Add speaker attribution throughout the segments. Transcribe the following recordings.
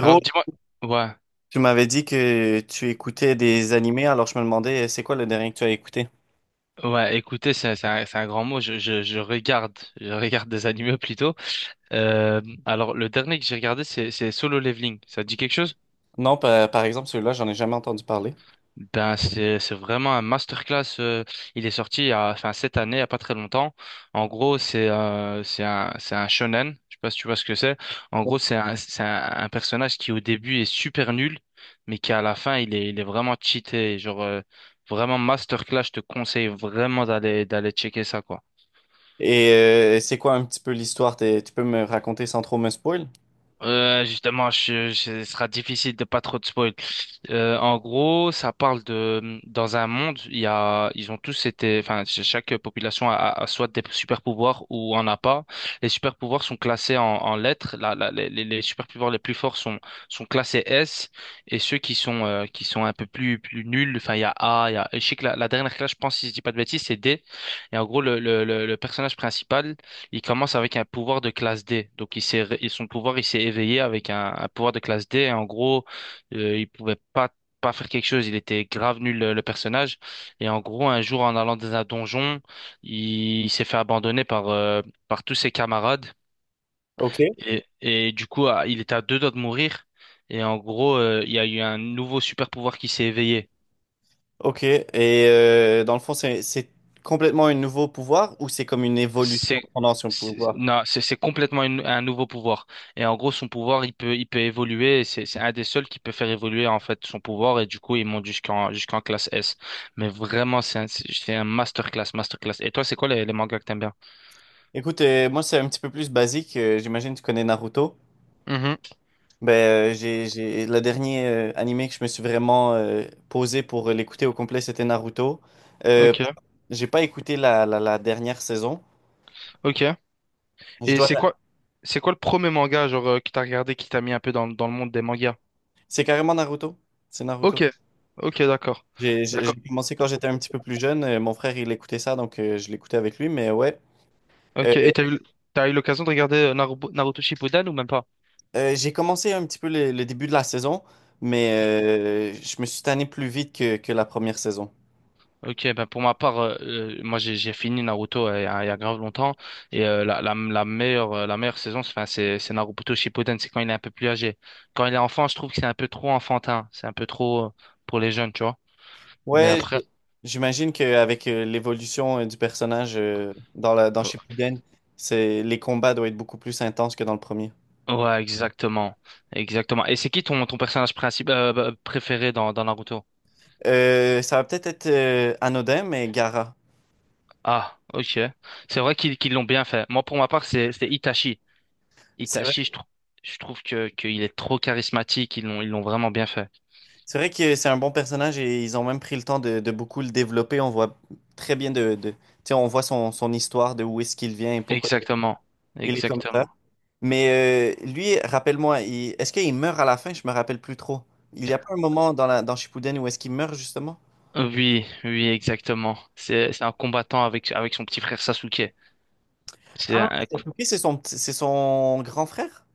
Speaker 1: Alors dis-moi, ouais,
Speaker 2: tu m'avais dit que tu écoutais des animés, alors je me demandais, c'est quoi le dernier que tu as écouté?
Speaker 1: ouais, écoutez, c'est un grand mot. Je regarde des animés plutôt. Euh, alors le dernier que j'ai regardé, c'est Solo Leveling. Ça te dit quelque chose?
Speaker 2: Non, par exemple, celui-là, j'en ai jamais entendu parler.
Speaker 1: Ben c'est vraiment un masterclass. Il est sorti il y a, enfin cette année, il y a pas très longtemps. En gros, c'est c'est un shonen. Je sais pas si tu vois ce que c'est. En gros, c'est un personnage qui au début est super nul, mais qui à la fin il est vraiment cheaté. Genre vraiment masterclass. Je te conseille vraiment d'aller checker ça quoi.
Speaker 2: Et c'est quoi un petit peu l'histoire? Tu peux me raconter sans trop me spoil?
Speaker 1: Justement, ce sera difficile de pas trop de spoil. En gros, ça parle de dans un monde, il y a, ils ont tous été, enfin, chaque population a soit des super pouvoirs ou en a pas. Les super pouvoirs sont classés en lettres. Les super pouvoirs les plus forts sont classés S et ceux qui sont un peu plus nuls. Enfin, il y a A, il y a. Je sais que la dernière classe, je pense, si je dis pas de bêtises, c'est D. Et en gros, le personnage principal. Il commence avec un pouvoir de classe D. Donc, et son pouvoir, il s'est éveillé avec un pouvoir de classe D. Et en gros, il pouvait pas faire quelque chose. Il était grave nul, le personnage. Et en gros, un jour, en allant dans un donjon, il s'est fait abandonner par tous ses camarades.
Speaker 2: Ok.
Speaker 1: Et du coup, il était à deux doigts de mourir. Et en gros, il y a eu un nouveau super pouvoir qui s'est éveillé.
Speaker 2: Ok. Et dans le fond, c'est complètement un nouveau pouvoir ou c'est comme une
Speaker 1: C'est
Speaker 2: évolution pendant son pouvoir?
Speaker 1: non, c'est complètement un nouveau pouvoir. Et en gros, son pouvoir, il peut évoluer. Et c'est un des seuls qui peut faire évoluer en fait son pouvoir. Et du coup, il monte jusqu'en classe S. Mais vraiment, c'est un masterclass, masterclass. Et toi, c'est quoi les mangas que t'aimes bien?
Speaker 2: Écoute, moi, c'est un petit peu plus basique. J'imagine que tu connais Naruto.
Speaker 1: Mhm.
Speaker 2: Ben, j'ai le dernier animé que je me suis vraiment posé pour l'écouter au complet, c'était Naruto. Euh,
Speaker 1: Ok,
Speaker 2: J'ai pas écouté la dernière saison.
Speaker 1: ok.
Speaker 2: Je
Speaker 1: Et
Speaker 2: dois.
Speaker 1: c'est quoi, c'est quoi le premier manga genre que t'as regardé qui t'a mis un peu dans le monde des mangas?
Speaker 2: C'est carrément Naruto. C'est Naruto.
Speaker 1: Ok, ok, d'accord, d'accord.
Speaker 2: J'ai commencé quand j'étais un petit peu plus jeune. Mon frère, il écoutait ça, donc je l'écoutais avec lui. Mais ouais, Euh,
Speaker 1: Ok. Et t'as eu l'occasion de regarder Naruto Shippuden ou même pas?
Speaker 2: j'ai commencé un petit peu le début de la saison, mais je me suis tanné plus vite que la première saison.
Speaker 1: Ok, ben pour ma part, moi j'ai fini Naruto il y a grave longtemps et la meilleure la meilleure saison, enfin c'est Naruto Shippuden, c'est quand il est un peu plus âgé. Quand il est enfant, je trouve que c'est un peu trop enfantin, c'est un peu trop pour les jeunes, tu vois. Mais
Speaker 2: Ouais,
Speaker 1: après,
Speaker 2: j'imagine qu'avec l'évolution du personnage dans Shippuden, c'est, les combats doivent être beaucoup plus intenses que dans le premier.
Speaker 1: ouais, exactement, exactement. Et c'est qui ton personnage principal bah, préféré dans Naruto?
Speaker 2: Ça va peut-être être, anodin, mais gara.
Speaker 1: Ah, ok. C'est vrai qu'ils l'ont bien fait. Moi, pour ma part, c'est Itachi.
Speaker 2: C'est
Speaker 1: Itachi, je trouve que qu'il est trop charismatique. Ils l'ont vraiment bien fait.
Speaker 2: C'est vrai que c'est un bon personnage et ils ont même pris le temps de beaucoup le développer. On voit très bien tu sais, on voit son histoire de où est-ce qu'il vient et pourquoi
Speaker 1: Exactement,
Speaker 2: il est comme ça.
Speaker 1: exactement.
Speaker 2: Mais lui, rappelle-moi, est-ce qu'il meurt à la fin? Je me rappelle plus trop. Il y a pas un moment dans Shippuden où est-ce qu'il meurt justement?
Speaker 1: Oui, oui, exactement. C'est un combattant avec son petit frère Sasuke. C'est
Speaker 2: Ah,
Speaker 1: un-
Speaker 2: Sasuke, c'est son, c'est son grand frère?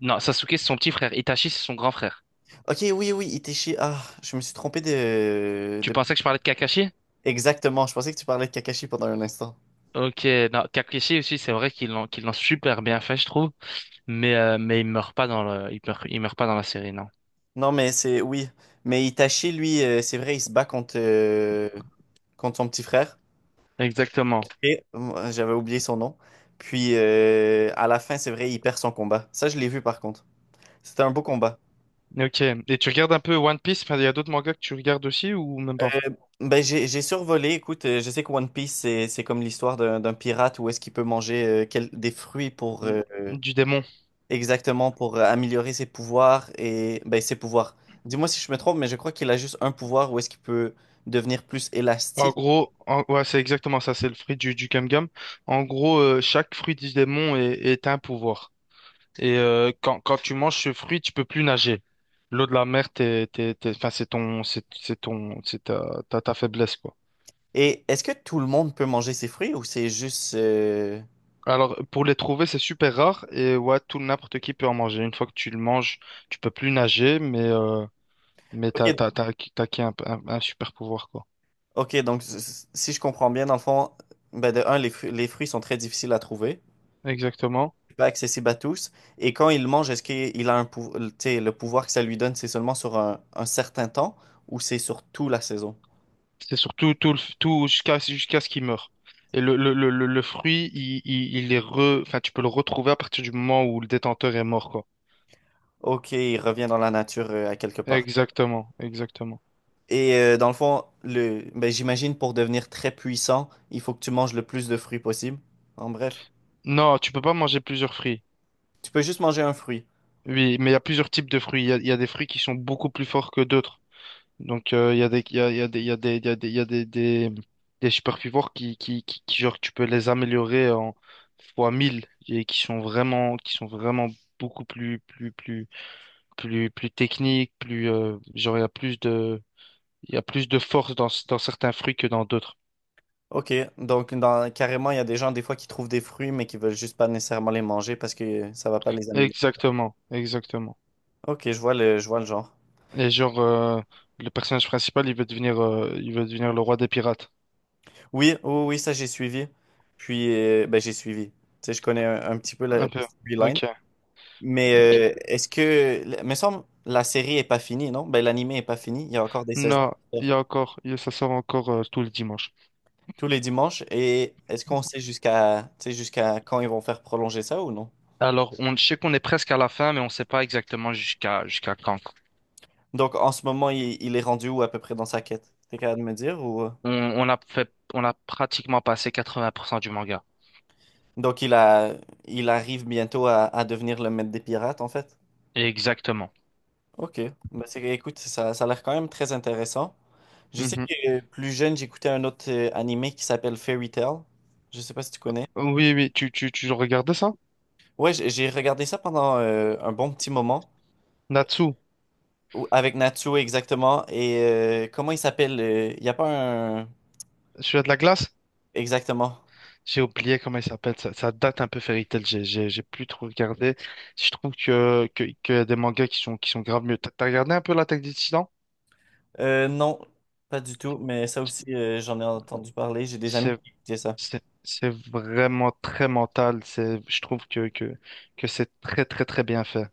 Speaker 1: non, Sasuke c'est son petit frère, Itachi c'est son grand frère.
Speaker 2: Ok, oui, oui, Itachi. Ah, je me suis trompé
Speaker 1: Tu
Speaker 2: de...
Speaker 1: pensais que je parlais de Kakashi?
Speaker 2: Exactement, je pensais que tu parlais de Kakashi pendant un instant.
Speaker 1: Ok, non, Kakashi aussi c'est vrai qu'ils l'ont super bien fait je trouve, mais mais il meurt pas dans le il meurt pas dans la série non.
Speaker 2: Non, mais c'est... Oui. Mais Itachi, lui, c'est vrai, il se bat contre... contre son petit frère.
Speaker 1: Exactement.
Speaker 2: Et j'avais oublié son nom. Puis à la fin, c'est vrai, il perd son combat. Ça, je l'ai vu par contre. C'était un beau combat.
Speaker 1: Ok. Et tu regardes un peu One Piece? Enfin, il y a d'autres mangas que tu regardes aussi ou même pas?
Speaker 2: Euh, ben, j'ai survolé. Écoute, je sais que One Piece, c'est comme l'histoire d'un pirate où est-ce qu'il peut manger des fruits pour
Speaker 1: Du démon.
Speaker 2: exactement pour améliorer ses pouvoirs et ben, ses pouvoirs. Dis-moi si je me trompe, mais je crois qu'il a juste un pouvoir où est-ce qu'il peut devenir plus
Speaker 1: En
Speaker 2: élastique.
Speaker 1: gros, ouais, c'est exactement ça, c'est le fruit du gum. En gros, chaque fruit du démon est un pouvoir. Et quand tu manges ce fruit, tu peux plus nager. L'eau de la mer, enfin, c'est ta, ta faiblesse, quoi.
Speaker 2: Et est-ce que tout le monde peut manger ses fruits ou c'est juste...
Speaker 1: Alors, pour les trouver, c'est super rare et ouais, tout n'importe qui peut en manger. Une fois que tu le manges, tu peux plus nager, mais t'as,
Speaker 2: Ok,
Speaker 1: t'as, t'as, acquis t'as acquis un super pouvoir, quoi.
Speaker 2: ok, donc si je comprends bien, dans le fond, ben de un, les fruits sont très difficiles à trouver,
Speaker 1: Exactement.
Speaker 2: pas accessibles à tous. Et quand il mange, est-ce qu'il a un tu sais, le pouvoir que ça lui donne, c'est seulement sur un certain temps ou c'est sur toute la saison?
Speaker 1: C'est surtout tout, tout jusqu'à ce qu'il meure. Et le fruit, il enfin, tu peux le retrouver à partir du moment où le détenteur est mort, quoi.
Speaker 2: Ok, il revient dans la nature à quelque part.
Speaker 1: Exactement, exactement.
Speaker 2: Et dans le fond, le, ben, j'imagine pour devenir très puissant, il faut que tu manges le plus de fruits possible. En bref,
Speaker 1: Non, tu peux pas manger plusieurs fruits.
Speaker 2: tu peux juste manger un fruit.
Speaker 1: Oui, mais il y a plusieurs types de fruits. Il y a des fruits qui sont beaucoup plus forts que d'autres. Donc, il y a des, il y a des, des superfivores qui, genre, tu peux les améliorer en fois 1000 et qui sont vraiment beaucoup plus technique, plus genre il y a plus de il y a plus de force dans certains fruits que dans d'autres.
Speaker 2: Ok, donc carrément, il y a des gens des fois qui trouvent des fruits mais qui veulent juste pas nécessairement les manger parce que ça va pas les améliorer.
Speaker 1: Exactement, exactement.
Speaker 2: Ok, je vois le genre.
Speaker 1: Et genre le personnage principal, il veut devenir le roi des pirates.
Speaker 2: Oui, oui, oui, ça j'ai suivi. Puis, ben, j'ai suivi. Tu sais, je connais un petit peu la
Speaker 1: Un peu.
Speaker 2: storyline.
Speaker 1: OK,
Speaker 2: Mais
Speaker 1: OK.
Speaker 2: est-ce que, il me semble, la série est pas finie, non? Ben, l'anime est pas fini. Il y a encore des saisons
Speaker 1: Non,
Speaker 2: qui
Speaker 1: il y
Speaker 2: sortent
Speaker 1: a encore il- ça sort encore tout le dimanche.
Speaker 2: tous les dimanches. Et est-ce qu'on sait jusqu'à, tu sais, jusqu'à quand ils vont faire prolonger ça ou non?
Speaker 1: Alors, on je sais qu'on est presque à la fin mais on ne sait pas exactement jusqu'à quand.
Speaker 2: Donc, en ce moment, il est rendu où à peu près dans sa quête? T'es capable de me dire ou... euh?
Speaker 1: On on a pratiquement passé 80% du manga.
Speaker 2: Donc, il a, il arrive bientôt à devenir le maître des pirates, en fait.
Speaker 1: Exactement.
Speaker 2: Ok, ben, écoute, ça a l'air quand même très intéressant. Je sais
Speaker 1: Mhm.
Speaker 2: que plus jeune, j'écoutais un autre animé qui s'appelle Fairy Tail. Je sais pas si tu connais.
Speaker 1: Oui, oui, tu regardais ça?
Speaker 2: Ouais, j'ai regardé ça pendant un bon petit moment,
Speaker 1: Natsu.
Speaker 2: Avec Natsuo exactement. Et comment il s'appelle? Il n'y a pas un...
Speaker 1: Celui-là de la glace,
Speaker 2: Exactement.
Speaker 1: j'ai oublié comment il s'appelle. Ça date un peu Fairy Tail. J'ai plus trop regardé. Je trouve que y a des mangas qui sont grave mieux. T'as regardé un peu l'Attaque des Titans?
Speaker 2: Non, pas du tout, mais ça aussi, j'en ai entendu parler. J'ai des amis
Speaker 1: C'est,
Speaker 2: qui écoutaient ça.
Speaker 1: c'est vraiment très mental. C'est, je trouve que c'est très, très, très bien fait.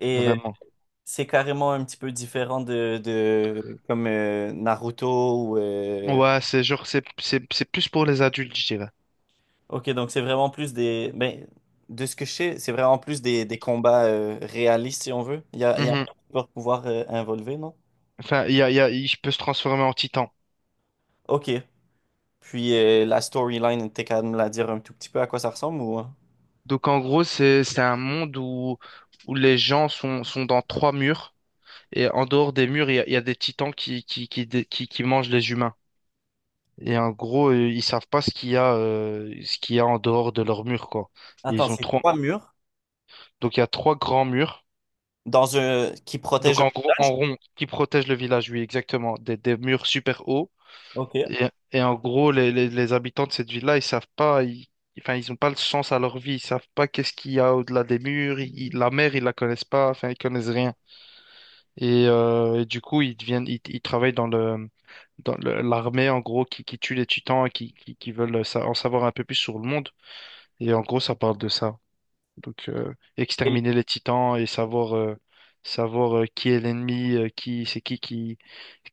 Speaker 2: Et
Speaker 1: Vraiment.
Speaker 2: c'est carrément un petit peu différent de comme Naruto ou...
Speaker 1: Ouais, c'est genre, c'est plus pour les adultes, je dirais.
Speaker 2: Ok, donc c'est vraiment plus des... Ben, de ce que je sais, c'est vraiment plus des combats réalistes, si on veut. Il y a un
Speaker 1: Mhm.
Speaker 2: super pouvoir involver, non?
Speaker 1: Enfin, il peut se transformer en titan.
Speaker 2: Ok. Puis la storyline, t'es capable de me la dire un tout petit peu à quoi ça ressemble ou... hein?
Speaker 1: Donc, en gros, c'est un monde où les gens sont dans trois murs. Et en dehors des murs, il y a des titans qui mangent les humains. Et en gros, ils savent pas ce qu'il y a en dehors de leurs murs, quoi. Et
Speaker 2: Attends,
Speaker 1: ils ont
Speaker 2: c'est
Speaker 1: trois.
Speaker 2: trois murs
Speaker 1: Donc il y a trois grands murs.
Speaker 2: dans un... qui
Speaker 1: Donc
Speaker 2: protègent...
Speaker 1: en gros, en rond, qui protègent le village, oui, exactement. Des murs super hauts.
Speaker 2: Ok.
Speaker 1: Et, et en gros, les habitants de cette ville-là, ils savent pas. Enfin, ils ont pas le sens à leur vie. Ils savent pas qu'est-ce qu'il y a au-delà des murs. La mer, ils la connaissent pas. Enfin, ils connaissent rien. Et du coup, ils travaillent dans l'armée, en gros, qui tue les titans et qui veulent en savoir un peu plus sur le monde. Et en gros, ça parle de ça. Donc,
Speaker 2: Et-
Speaker 1: exterminer les titans et savoir qui est l'ennemi, c'est qui,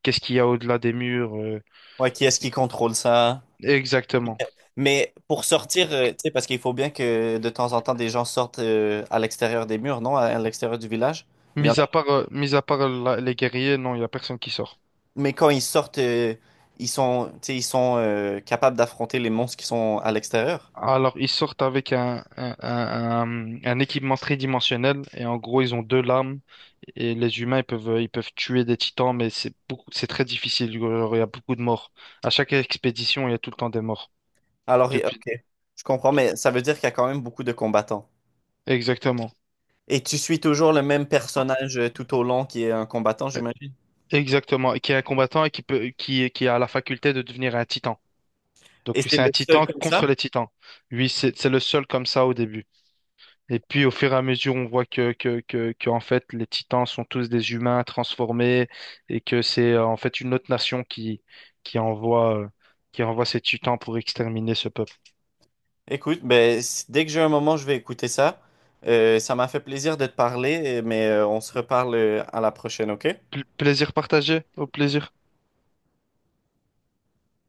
Speaker 1: qu'est-ce qu'il y a au-delà des murs.
Speaker 2: Ouais, qui est-ce qui contrôle ça?
Speaker 1: Exactement.
Speaker 2: Mais pour sortir, tu sais, parce qu'il faut bien que de temps en temps, des gens sortent à l'extérieur des murs, non? À l'extérieur du village.
Speaker 1: Mis à part les guerriers, non, il n'y a personne qui sort.
Speaker 2: Mais quand ils sortent, ils sont, tu sais, ils sont capables d'affronter les monstres qui sont à l'extérieur.
Speaker 1: Alors, ils sortent avec un équipement tridimensionnel et en gros, ils ont deux lames et les humains, ils peuvent tuer des titans, mais c'est beaucoup, c'est très difficile. Genre, il y a beaucoup de morts. À chaque expédition, il y a tout le temps des morts.
Speaker 2: Alors,
Speaker 1: Depuis...
Speaker 2: ok, je comprends, mais ça veut dire qu'il y a quand même beaucoup de combattants.
Speaker 1: Exactement.
Speaker 2: Et tu suis toujours le même personnage tout au long qui est un combattant,
Speaker 1: Euh,
Speaker 2: j'imagine.
Speaker 1: Exactement. Et qui est un combattant et qui a la faculté de devenir un titan.
Speaker 2: Et
Speaker 1: Donc,
Speaker 2: c'est
Speaker 1: c'est un
Speaker 2: le seul
Speaker 1: titan
Speaker 2: comme
Speaker 1: contre
Speaker 2: ça?
Speaker 1: les titans. Lui, c'est le seul comme ça au début. Et puis au fur et à mesure, on voit que en fait les Titans sont tous des humains transformés et que c'est en fait une autre nation qui envoie, euh, qui envoie ces Titans pour exterminer ce peuple.
Speaker 2: Écoute, ben, dès que j'ai un moment, je vais écouter ça. Ça m'a fait plaisir de te parler, mais on se reparle à la prochaine, ok?
Speaker 1: Plaisir partagé, au plaisir.